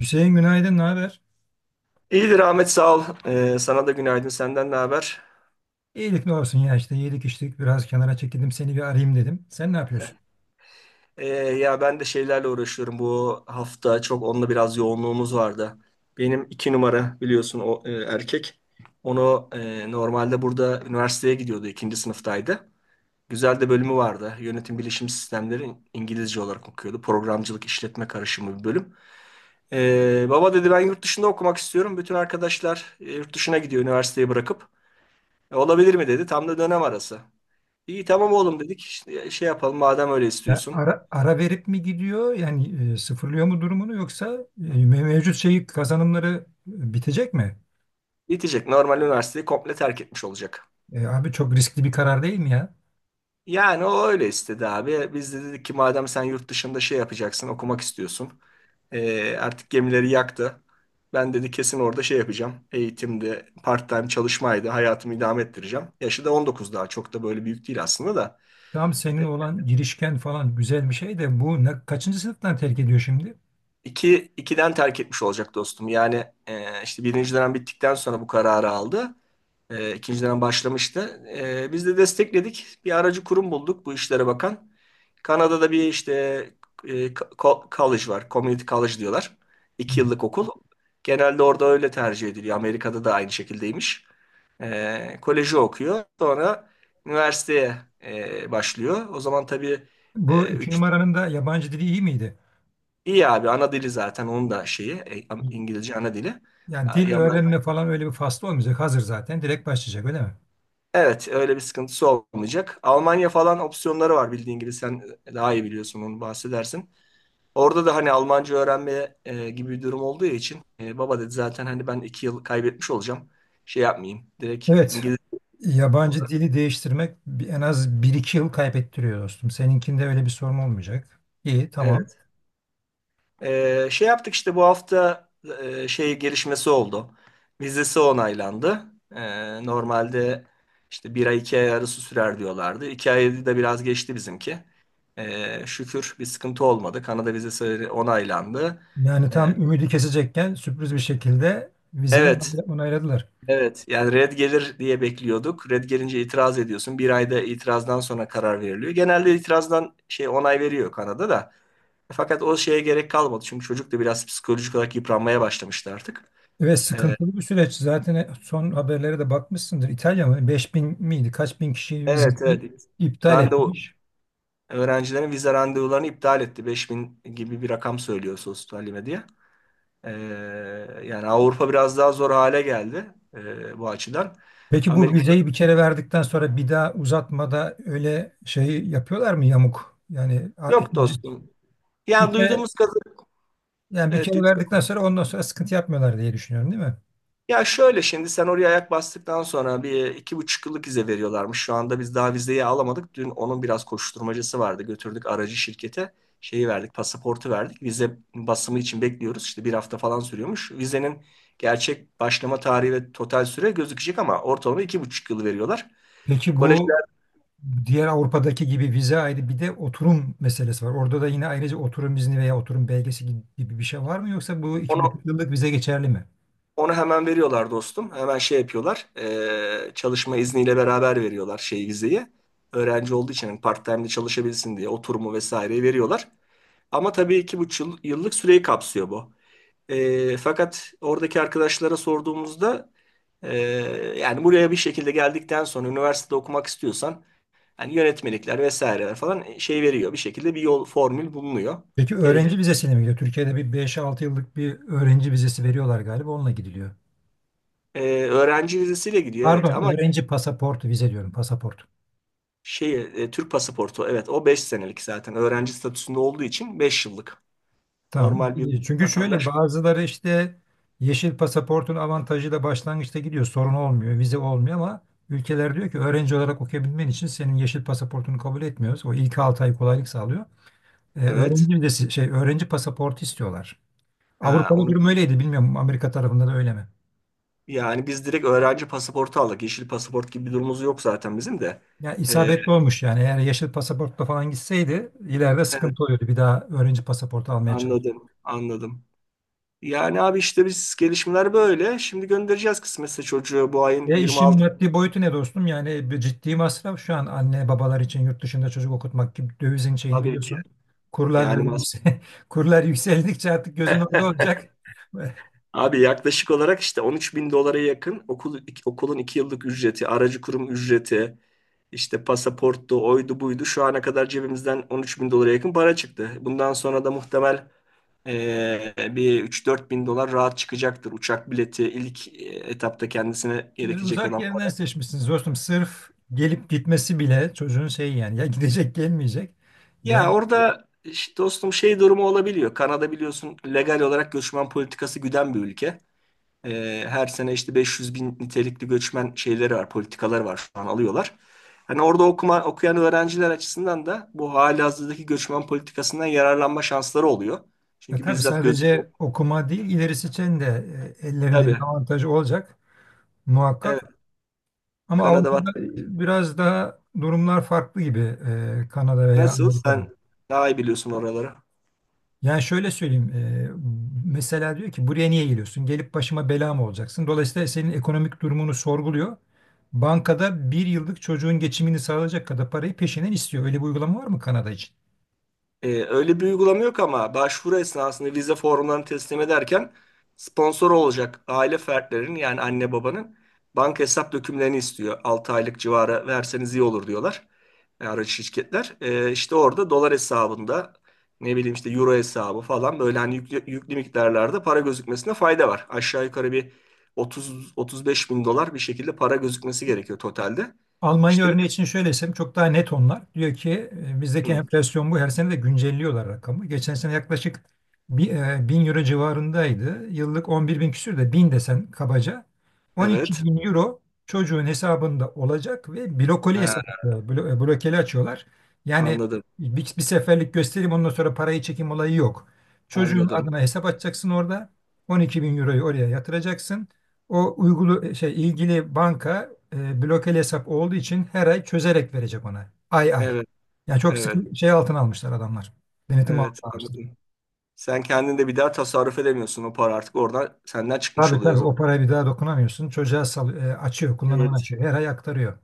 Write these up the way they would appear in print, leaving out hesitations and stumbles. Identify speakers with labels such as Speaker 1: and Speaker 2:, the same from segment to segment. Speaker 1: Hüseyin günaydın, ne haber?
Speaker 2: İyidir Ahmet sağ ol. Sana da günaydın. Senden ne haber?
Speaker 1: İyilik ne olsun ya işte yedik içtik biraz kenara çekildim seni bir arayayım dedim. Sen ne yapıyorsun?
Speaker 2: Ya ben de şeylerle uğraşıyorum. Bu hafta çok onunla biraz yoğunluğumuz vardı. Benim iki numara biliyorsun o erkek. Onu normalde burada üniversiteye gidiyordu. İkinci sınıftaydı. Güzel de bölümü vardı. Yönetim bilişim sistemleri İngilizce olarak okuyordu. Programcılık işletme karışımı bir bölüm. Baba dedi ben yurt dışında okumak istiyorum. Bütün arkadaşlar yurt dışına gidiyor üniversiteyi bırakıp. Olabilir mi dedi. Tam da dönem arası. İyi tamam oğlum dedik. İşte şey yapalım madem öyle
Speaker 1: Ya
Speaker 2: istiyorsun.
Speaker 1: ara verip mi gidiyor yani sıfırlıyor mu durumunu yoksa mevcut şeyi kazanımları bitecek mi?
Speaker 2: Bitecek. Normal üniversiteyi komple terk etmiş olacak.
Speaker 1: E, abi çok riskli bir karar değil mi ya?
Speaker 2: Yani o öyle istedi abi. Biz de dedik ki madem sen yurt dışında şey yapacaksın, okumak istiyorsun. Artık gemileri yaktı. Ben dedi kesin orada şey yapacağım. Eğitimde part-time çalışmaydı. Hayatımı idame ettireceğim. Yaşı da 19 daha. Çok da böyle büyük değil aslında da.
Speaker 1: Tam senin olan girişken falan güzel bir şey de bu ne, kaçıncı sınıftan terk ediyor şimdi?
Speaker 2: İki, ikiden terk etmiş olacak dostum. Yani işte birinci dönem bittikten sonra bu kararı aldı. İkinci dönem başlamıştı. Biz de destekledik. Bir aracı kurum bulduk bu işlere bakan. Kanada'da bir işte college var. Community college diyorlar.
Speaker 1: Hı.
Speaker 2: İki yıllık okul. Genelde orada öyle tercih ediliyor. Amerika'da da aynı şekildeymiş. Koleji okuyor. Sonra üniversiteye başlıyor. O zaman tabii
Speaker 1: Bu iki
Speaker 2: 3.
Speaker 1: numaranın da yabancı dili iyi miydi?
Speaker 2: İyi abi ana dili zaten onun da şeyi İngilizce ana dili.
Speaker 1: Yani dil
Speaker 2: Yaman,
Speaker 1: öğrenme falan öyle bir faslı olmayacak hazır zaten direkt başlayacak öyle mi?
Speaker 2: evet öyle bir sıkıntısı olmayacak. Almanya falan opsiyonları var bildiğin gibi sen daha iyi biliyorsun onu bahsedersin. Orada da hani Almanca öğrenme gibi bir durum olduğu için baba dedi zaten hani ben 2 yıl kaybetmiş olacağım. Şey yapmayayım direkt
Speaker 1: Evet.
Speaker 2: İngilizce
Speaker 1: Yabancı
Speaker 2: olarak.
Speaker 1: dili değiştirmek en az bir iki yıl kaybettiriyor dostum. Seninkinde öyle bir sorun olmayacak. İyi, tamam.
Speaker 2: Evet. Şey yaptık işte bu hafta şey gelişmesi oldu. Vizesi onaylandı. Normalde işte bir ay iki ay arası sürer diyorlardı. İki ayı da biraz geçti bizimki. Şükür bir sıkıntı olmadı. Kanada vizesi onaylandı.
Speaker 1: Yani
Speaker 2: Ee,
Speaker 1: tam ümidi kesecekken sürpriz bir şekilde vizeyi
Speaker 2: evet,
Speaker 1: onayladılar.
Speaker 2: evet. Yani red gelir diye bekliyorduk. Red gelince itiraz ediyorsun. Bir ayda itirazdan sonra karar veriliyor. Genelde itirazdan şey onay veriyor Kanada da. Fakat o şeye gerek kalmadı. Çünkü çocuk da biraz psikolojik olarak yıpranmaya başlamıştı artık.
Speaker 1: Ve
Speaker 2: Ee,
Speaker 1: sıkıntılı bir süreç. Zaten son haberlere de bakmışsındır. İtalya mı? 5 bin miydi? Kaç bin kişi
Speaker 2: Evet
Speaker 1: vizesini
Speaker 2: evet.
Speaker 1: iptal
Speaker 2: Randevu
Speaker 1: etmiş.
Speaker 2: öğrencilerin vize randevularını iptal etti. 5 bin gibi bir rakam söylüyor sosyal medya. Ee, Yani Avrupa biraz daha zor hale geldi, bu açıdan.
Speaker 1: Peki bu
Speaker 2: Amerika
Speaker 1: vizeyi bir kere verdikten sonra bir daha uzatmada öyle şey yapıyorlar mı yamuk? Yani
Speaker 2: yok
Speaker 1: ikinci
Speaker 2: dostum.
Speaker 1: bir
Speaker 2: Yani
Speaker 1: kere
Speaker 2: duyduğumuz kadar,
Speaker 1: yani bir
Speaker 2: evet.
Speaker 1: kere verdikten sonra ondan sonra sıkıntı yapmıyorlar diye düşünüyorum, değil mi?
Speaker 2: Ya şöyle şimdi sen oraya ayak bastıktan sonra bir iki buçuk yıllık vize veriyorlarmış. Şu anda biz daha vizeyi alamadık. Dün onun biraz koşturmacası vardı. Götürdük aracı şirkete. Şeyi verdik, pasaportu verdik. Vize basımı için bekliyoruz. İşte bir hafta falan sürüyormuş. Vizenin gerçek başlama tarihi ve total süre gözükecek ama ortalama 2,5 yıl veriyorlar.
Speaker 1: Peki bu
Speaker 2: Kolejler
Speaker 1: diğer Avrupa'daki gibi vize ayrı bir de oturum meselesi var. Orada da yine ayrıca oturum izni veya oturum belgesi gibi bir şey var mı yoksa bu iki
Speaker 2: onu
Speaker 1: buçuk yıllık vize geçerli mi?
Speaker 2: onu hemen veriyorlar dostum. Hemen şey yapıyorlar. Çalışma izniyle beraber veriyorlar şey vizeyi. Öğrenci olduğu için hani part-time'de çalışabilsin diye oturumu vesaireyi veriyorlar. Ama tabii iki buçuk yıllık süreyi kapsıyor bu. Fakat oradaki arkadaşlara sorduğumuzda, ee, yani buraya bir şekilde geldikten sonra üniversitede okumak istiyorsan hani yönetmelikler vesaireler falan şey veriyor. Bir şekilde bir yol formül bulunuyor.
Speaker 1: Peki
Speaker 2: Gerek.
Speaker 1: öğrenci vizesine mi gidiyor? Türkiye'de bir beş altı yıllık bir öğrenci vizesi veriyorlar galiba onunla gidiliyor.
Speaker 2: Öğrenci vizesiyle gidiyor evet
Speaker 1: Pardon
Speaker 2: ama
Speaker 1: öğrenci pasaportu vize diyorum pasaport.
Speaker 2: şey Türk pasaportu evet o 5 senelik zaten öğrenci statüsünde olduğu için 5 yıllık.
Speaker 1: Tamam.
Speaker 2: Normal bir
Speaker 1: Çünkü şöyle
Speaker 2: vatandaş
Speaker 1: bazıları işte yeşil pasaportun avantajıyla başlangıçta gidiyor. Sorun olmuyor, vize olmuyor ama ülkeler diyor ki öğrenci olarak okuyabilmen için senin yeşil pasaportunu kabul etmiyoruz. O ilk 6 ay kolaylık sağlıyor. Ee,
Speaker 2: evet.
Speaker 1: öğrenci vizesi, şey öğrenci pasaportu istiyorlar.
Speaker 2: Ha,
Speaker 1: Avrupa'da
Speaker 2: onu.
Speaker 1: durum öyleydi bilmiyorum Amerika tarafında da öyle mi?
Speaker 2: Yani biz direkt öğrenci pasaportu aldık. Yeşil pasaport gibi bir durumumuz yok zaten bizim de.
Speaker 1: Ya
Speaker 2: Ee,
Speaker 1: isabetli olmuş yani eğer yeşil pasaportla falan gitseydi ileride
Speaker 2: evet,
Speaker 1: sıkıntı oluyordu. Bir daha öğrenci pasaportu almaya.
Speaker 2: anladım, anladım. Yani abi işte biz gelişmeler böyle. Şimdi göndereceğiz kısmetse çocuğu bu ayın
Speaker 1: Ya işin
Speaker 2: 26.
Speaker 1: maddi boyutu ne dostum? Yani bir ciddi masraf şu an anne babalar için yurt dışında çocuk okutmak gibi dövizin şeyini
Speaker 2: Tabii ki.
Speaker 1: biliyorsun. Kurlar
Speaker 2: Yani
Speaker 1: böyle yüksel Kurlar yükseldikçe artık gözün orada olacak.
Speaker 2: abi yaklaşık olarak işte 13 bin dolara yakın okul, okulun 2 yıllık ücreti, aracı kurum ücreti, İşte pasaporttu, oydu, buydu. Şu ana kadar cebimizden 13 bin dolara yakın para çıktı. Bundan sonra da muhtemel bir 3-4 bin dolar rahat çıkacaktır. Uçak bileti ilk etapta kendisine
Speaker 1: Siz
Speaker 2: gerekecek
Speaker 1: uzak
Speaker 2: olan
Speaker 1: yerden
Speaker 2: para.
Speaker 1: seçmişsiniz dostum. Sırf gelip gitmesi bile çocuğun şeyi yani ya gidecek gelmeyecek. Yani
Speaker 2: Ya orada işte dostum şey durumu olabiliyor. Kanada biliyorsun legal olarak göçmen politikası güden bir ülke. Her sene işte 500 bin nitelikli göçmen şeyleri var, politikaları var şu an alıyorlar. Hani orada okuyan öğrenciler açısından da bu halihazırdaki göçmen politikasından yararlanma şansları oluyor.
Speaker 1: ya
Speaker 2: Çünkü
Speaker 1: tabii
Speaker 2: bizzat gözüküyor.
Speaker 1: sadece okuma değil ilerisi için de ellerinde bir
Speaker 2: Tabii.
Speaker 1: avantajı olacak
Speaker 2: Evet.
Speaker 1: muhakkak. Ama
Speaker 2: Kanada
Speaker 1: Avrupa'da
Speaker 2: vatandaşı.
Speaker 1: biraz daha durumlar farklı gibi Kanada veya
Speaker 2: Nasıl?
Speaker 1: Amerika'da.
Speaker 2: Sen daha iyi biliyorsun oraları.
Speaker 1: Yani şöyle söyleyeyim. Mesela diyor ki buraya niye geliyorsun? Gelip başıma bela mı olacaksın? Dolayısıyla senin ekonomik durumunu sorguluyor. Bankada bir yıllık çocuğun geçimini sağlayacak kadar parayı peşinen istiyor. Öyle bir uygulama var mı Kanada için?
Speaker 2: Öyle bir uygulama yok ama başvuru esnasında vize formlarını teslim ederken sponsor olacak aile fertlerinin yani anne babanın banka hesap dökümlerini istiyor. 6 aylık civarı verseniz iyi olur diyorlar aracı şirketler. İşte orada dolar hesabında ne bileyim işte euro hesabı falan böyle hani yüklü, yüklü miktarlarda para gözükmesine fayda var. Aşağı yukarı bir 30-35 bin dolar bir şekilde para gözükmesi gerekiyor totalde.
Speaker 1: Almanya
Speaker 2: İşte bir...
Speaker 1: örneği için şöyle desem çok daha net onlar. Diyor ki bizdeki
Speaker 2: Hı,
Speaker 1: enflasyon bu her sene de güncelliyorlar rakamı. Geçen sene yaklaşık 1000 euro civarındaydı. Yıllık 11 bin küsür de 1000 desen kabaca. 12
Speaker 2: evet.
Speaker 1: bin euro çocuğun hesabında olacak ve blokoli hesap
Speaker 2: Ha,
Speaker 1: açıyorlar. Blokeli açıyorlar. Yani
Speaker 2: anladım
Speaker 1: bir seferlik göstereyim ondan sonra parayı çekim olayı yok. Çocuğun
Speaker 2: anladım.
Speaker 1: adına hesap açacaksın orada. 12 bin euroyu oraya yatıracaksın. O uygulu şey ilgili banka blokeli hesap olduğu için her ay çözerek verecek ona. Ay ay.
Speaker 2: Evet.
Speaker 1: Yani çok
Speaker 2: Evet,
Speaker 1: sıkı şey altına almışlar adamlar. Denetim altına
Speaker 2: evet
Speaker 1: almışlar.
Speaker 2: anladım. Sen kendin de bir daha tasarruf edemiyorsun. O para artık oradan senden çıkmış
Speaker 1: Tabii
Speaker 2: oluyor o
Speaker 1: tabii
Speaker 2: zaman.
Speaker 1: o parayı bir daha dokunamıyorsun. Çocuğa açıyor, kullanımını
Speaker 2: Evet.
Speaker 1: açıyor. Her ay aktarıyor.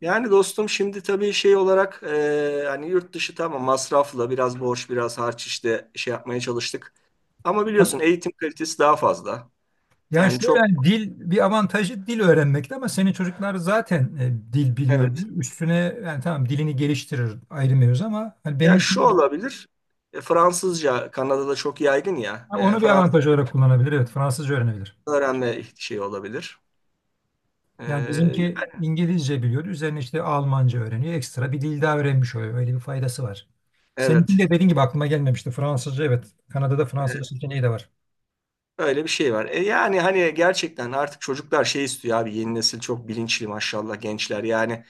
Speaker 2: Yani dostum şimdi tabii şey olarak hani yurt dışı tamam masraflı biraz borç biraz harç işte şey yapmaya çalıştık. Ama
Speaker 1: Ama
Speaker 2: biliyorsun eğitim kalitesi daha fazla.
Speaker 1: yani
Speaker 2: Yani
Speaker 1: şöyle
Speaker 2: çok
Speaker 1: hani dil bir avantajı dil öğrenmekte ama senin çocuklar zaten dil biliyor.
Speaker 2: evet.
Speaker 1: Üstüne yani tamam dilini geliştirir ayrı mevzu ama hani
Speaker 2: Ya
Speaker 1: benimki
Speaker 2: şu olabilir. Fransızca Kanada'da çok yaygın ya.
Speaker 1: ha, onu bir avantaj
Speaker 2: Fransızca
Speaker 1: olarak kullanabilir. Evet Fransızca öğrenebilir.
Speaker 2: öğrenme şey olabilir.
Speaker 1: Yani
Speaker 2: E,
Speaker 1: bizimki İngilizce biliyor. Üzerine işte Almanca öğreniyor. Ekstra bir dil daha öğrenmiş oluyor. Öyle bir faydası var. Seninki
Speaker 2: evet.
Speaker 1: de dediğin gibi aklıma gelmemişti. Fransızca evet. Kanada'da Fransızca
Speaker 2: Evet.
Speaker 1: seçeneği de var.
Speaker 2: Öyle bir şey var. Yani hani gerçekten artık çocuklar şey istiyor abi yeni nesil çok bilinçli maşallah gençler. Yani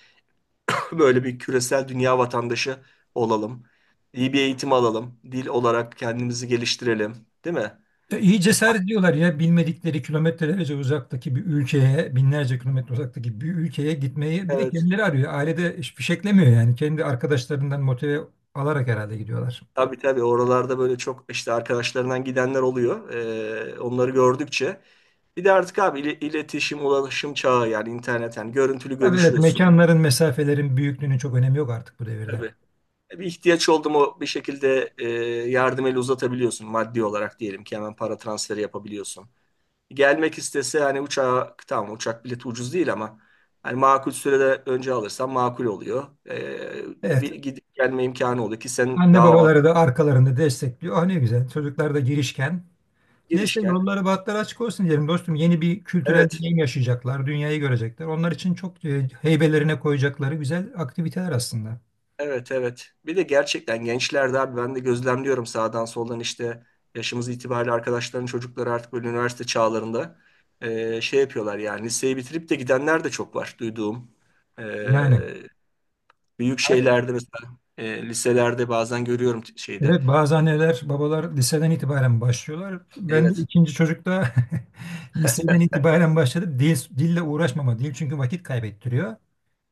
Speaker 2: böyle bir küresel dünya vatandaşı olalım. İyi bir eğitim alalım. Dil olarak kendimizi geliştirelim. Değil mi?
Speaker 1: İyi
Speaker 2: E,
Speaker 1: cesaret
Speaker 2: fark-
Speaker 1: ediyorlar ya bilmedikleri kilometrelerce uzaktaki bir ülkeye, binlerce kilometre uzaktaki bir ülkeye gitmeyi bir de
Speaker 2: evet.
Speaker 1: kendileri arıyor. Ailede fişeklemiyor yani. Kendi arkadaşlarından motive alarak herhalde gidiyorlar.
Speaker 2: Tabii tabii oralarda böyle çok işte arkadaşlarından gidenler oluyor. Onları gördükçe. Bir de artık abi iletişim, ulaşım çağı yani internetten görüntülü
Speaker 1: Tabii evet
Speaker 2: görüşüyorsun.
Speaker 1: mekanların, mesafelerin büyüklüğünün çok önemi yok artık bu devirde.
Speaker 2: Tabii. Bir ihtiyaç oldu mu bir şekilde, yardım eli uzatabiliyorsun maddi olarak diyelim ki hemen para transferi yapabiliyorsun. Gelmek istese hani uçağa tamam uçak bileti ucuz değil ama hani makul sürede önce alırsan makul oluyor.
Speaker 1: Evet.
Speaker 2: Bir gidip gelme imkanı oluyor ki sen
Speaker 1: Anne
Speaker 2: daha avantajlı
Speaker 1: babaları da arkalarında destekliyor. Ah ne güzel. Çocuklar da girişken. Neyse
Speaker 2: girişken.
Speaker 1: yolları bahtları açık olsun diyelim dostum. Yeni bir kültürel
Speaker 2: Evet.
Speaker 1: deneyim yaşayacaklar. Dünyayı görecekler. Onlar için çok heybelerine koyacakları güzel aktiviteler aslında.
Speaker 2: Evet evet. Bir de gerçekten gençlerde abi ben de gözlemliyorum sağdan soldan işte yaşımız itibariyle arkadaşların çocukları artık böyle üniversite çağlarında şey yapıyorlar yani liseyi bitirip de gidenler de çok var duyduğum. E,
Speaker 1: Yani
Speaker 2: Büyük şeylerde mesela liselerde bazen görüyorum şeyde.
Speaker 1: evet bazı anneler babalar liseden itibaren başlıyorlar. Ben de
Speaker 2: Evet
Speaker 1: ikinci çocukta liseden itibaren başladı. Dil, dille uğraşmama. Dil çünkü vakit kaybettiriyor.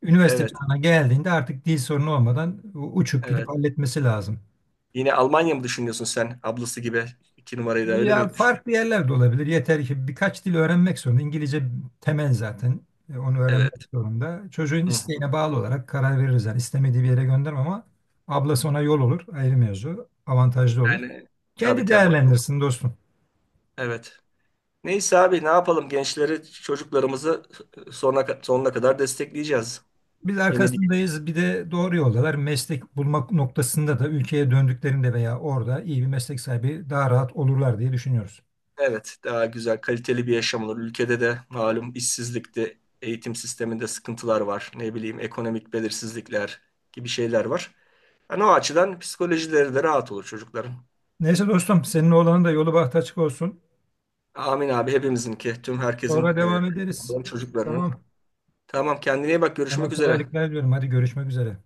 Speaker 1: Üniversite
Speaker 2: evet
Speaker 1: çağına geldiğinde artık dil sorunu olmadan uçup gidip
Speaker 2: evet.
Speaker 1: halletmesi lazım.
Speaker 2: Yine Almanya mı düşünüyorsun sen ablası gibi iki numarayı da öyle
Speaker 1: Ya
Speaker 2: mi düşünüyorsun?
Speaker 1: farklı yerlerde olabilir. Yeter ki birkaç dil öğrenmek zorunda. İngilizce temel zaten. Onu öğrenmek
Speaker 2: Evet.
Speaker 1: zorunda. Çocuğun
Speaker 2: Hı.
Speaker 1: isteğine bağlı olarak karar veririz. Yani istemediği bir yere göndermem ama ablası ona yol olur. Ayrı mevzu. Avantajlı olur.
Speaker 2: Yani tabii
Speaker 1: Kendi
Speaker 2: tabii.
Speaker 1: değerlendirsin dostum.
Speaker 2: Evet. Neyse abi ne yapalım gençleri, çocuklarımızı sonuna, sonuna kadar destekleyeceğiz.
Speaker 1: Biz
Speaker 2: Yeni değil.
Speaker 1: arkasındayız. Bir de doğru yoldalar. Meslek bulmak noktasında da ülkeye döndüklerinde veya orada iyi bir meslek sahibi daha rahat olurlar diye düşünüyoruz.
Speaker 2: Evet, daha güzel, kaliteli bir yaşam olur. Ülkede de malum işsizlikte, eğitim sisteminde sıkıntılar var. Ne bileyim ekonomik belirsizlikler gibi şeyler var. Yani o açıdan psikolojileri de rahat olur çocukların.
Speaker 1: Neyse dostum, senin oğlanın da yolu bahtı açık olsun.
Speaker 2: Amin abi hepimizinki, tüm herkesin,
Speaker 1: Sonra devam ederiz.
Speaker 2: çocuklarının.
Speaker 1: Tamam.
Speaker 2: Tamam, kendine iyi bak.
Speaker 1: Sana
Speaker 2: Görüşmek üzere.
Speaker 1: kolaylıklar diliyorum. Hadi görüşmek üzere.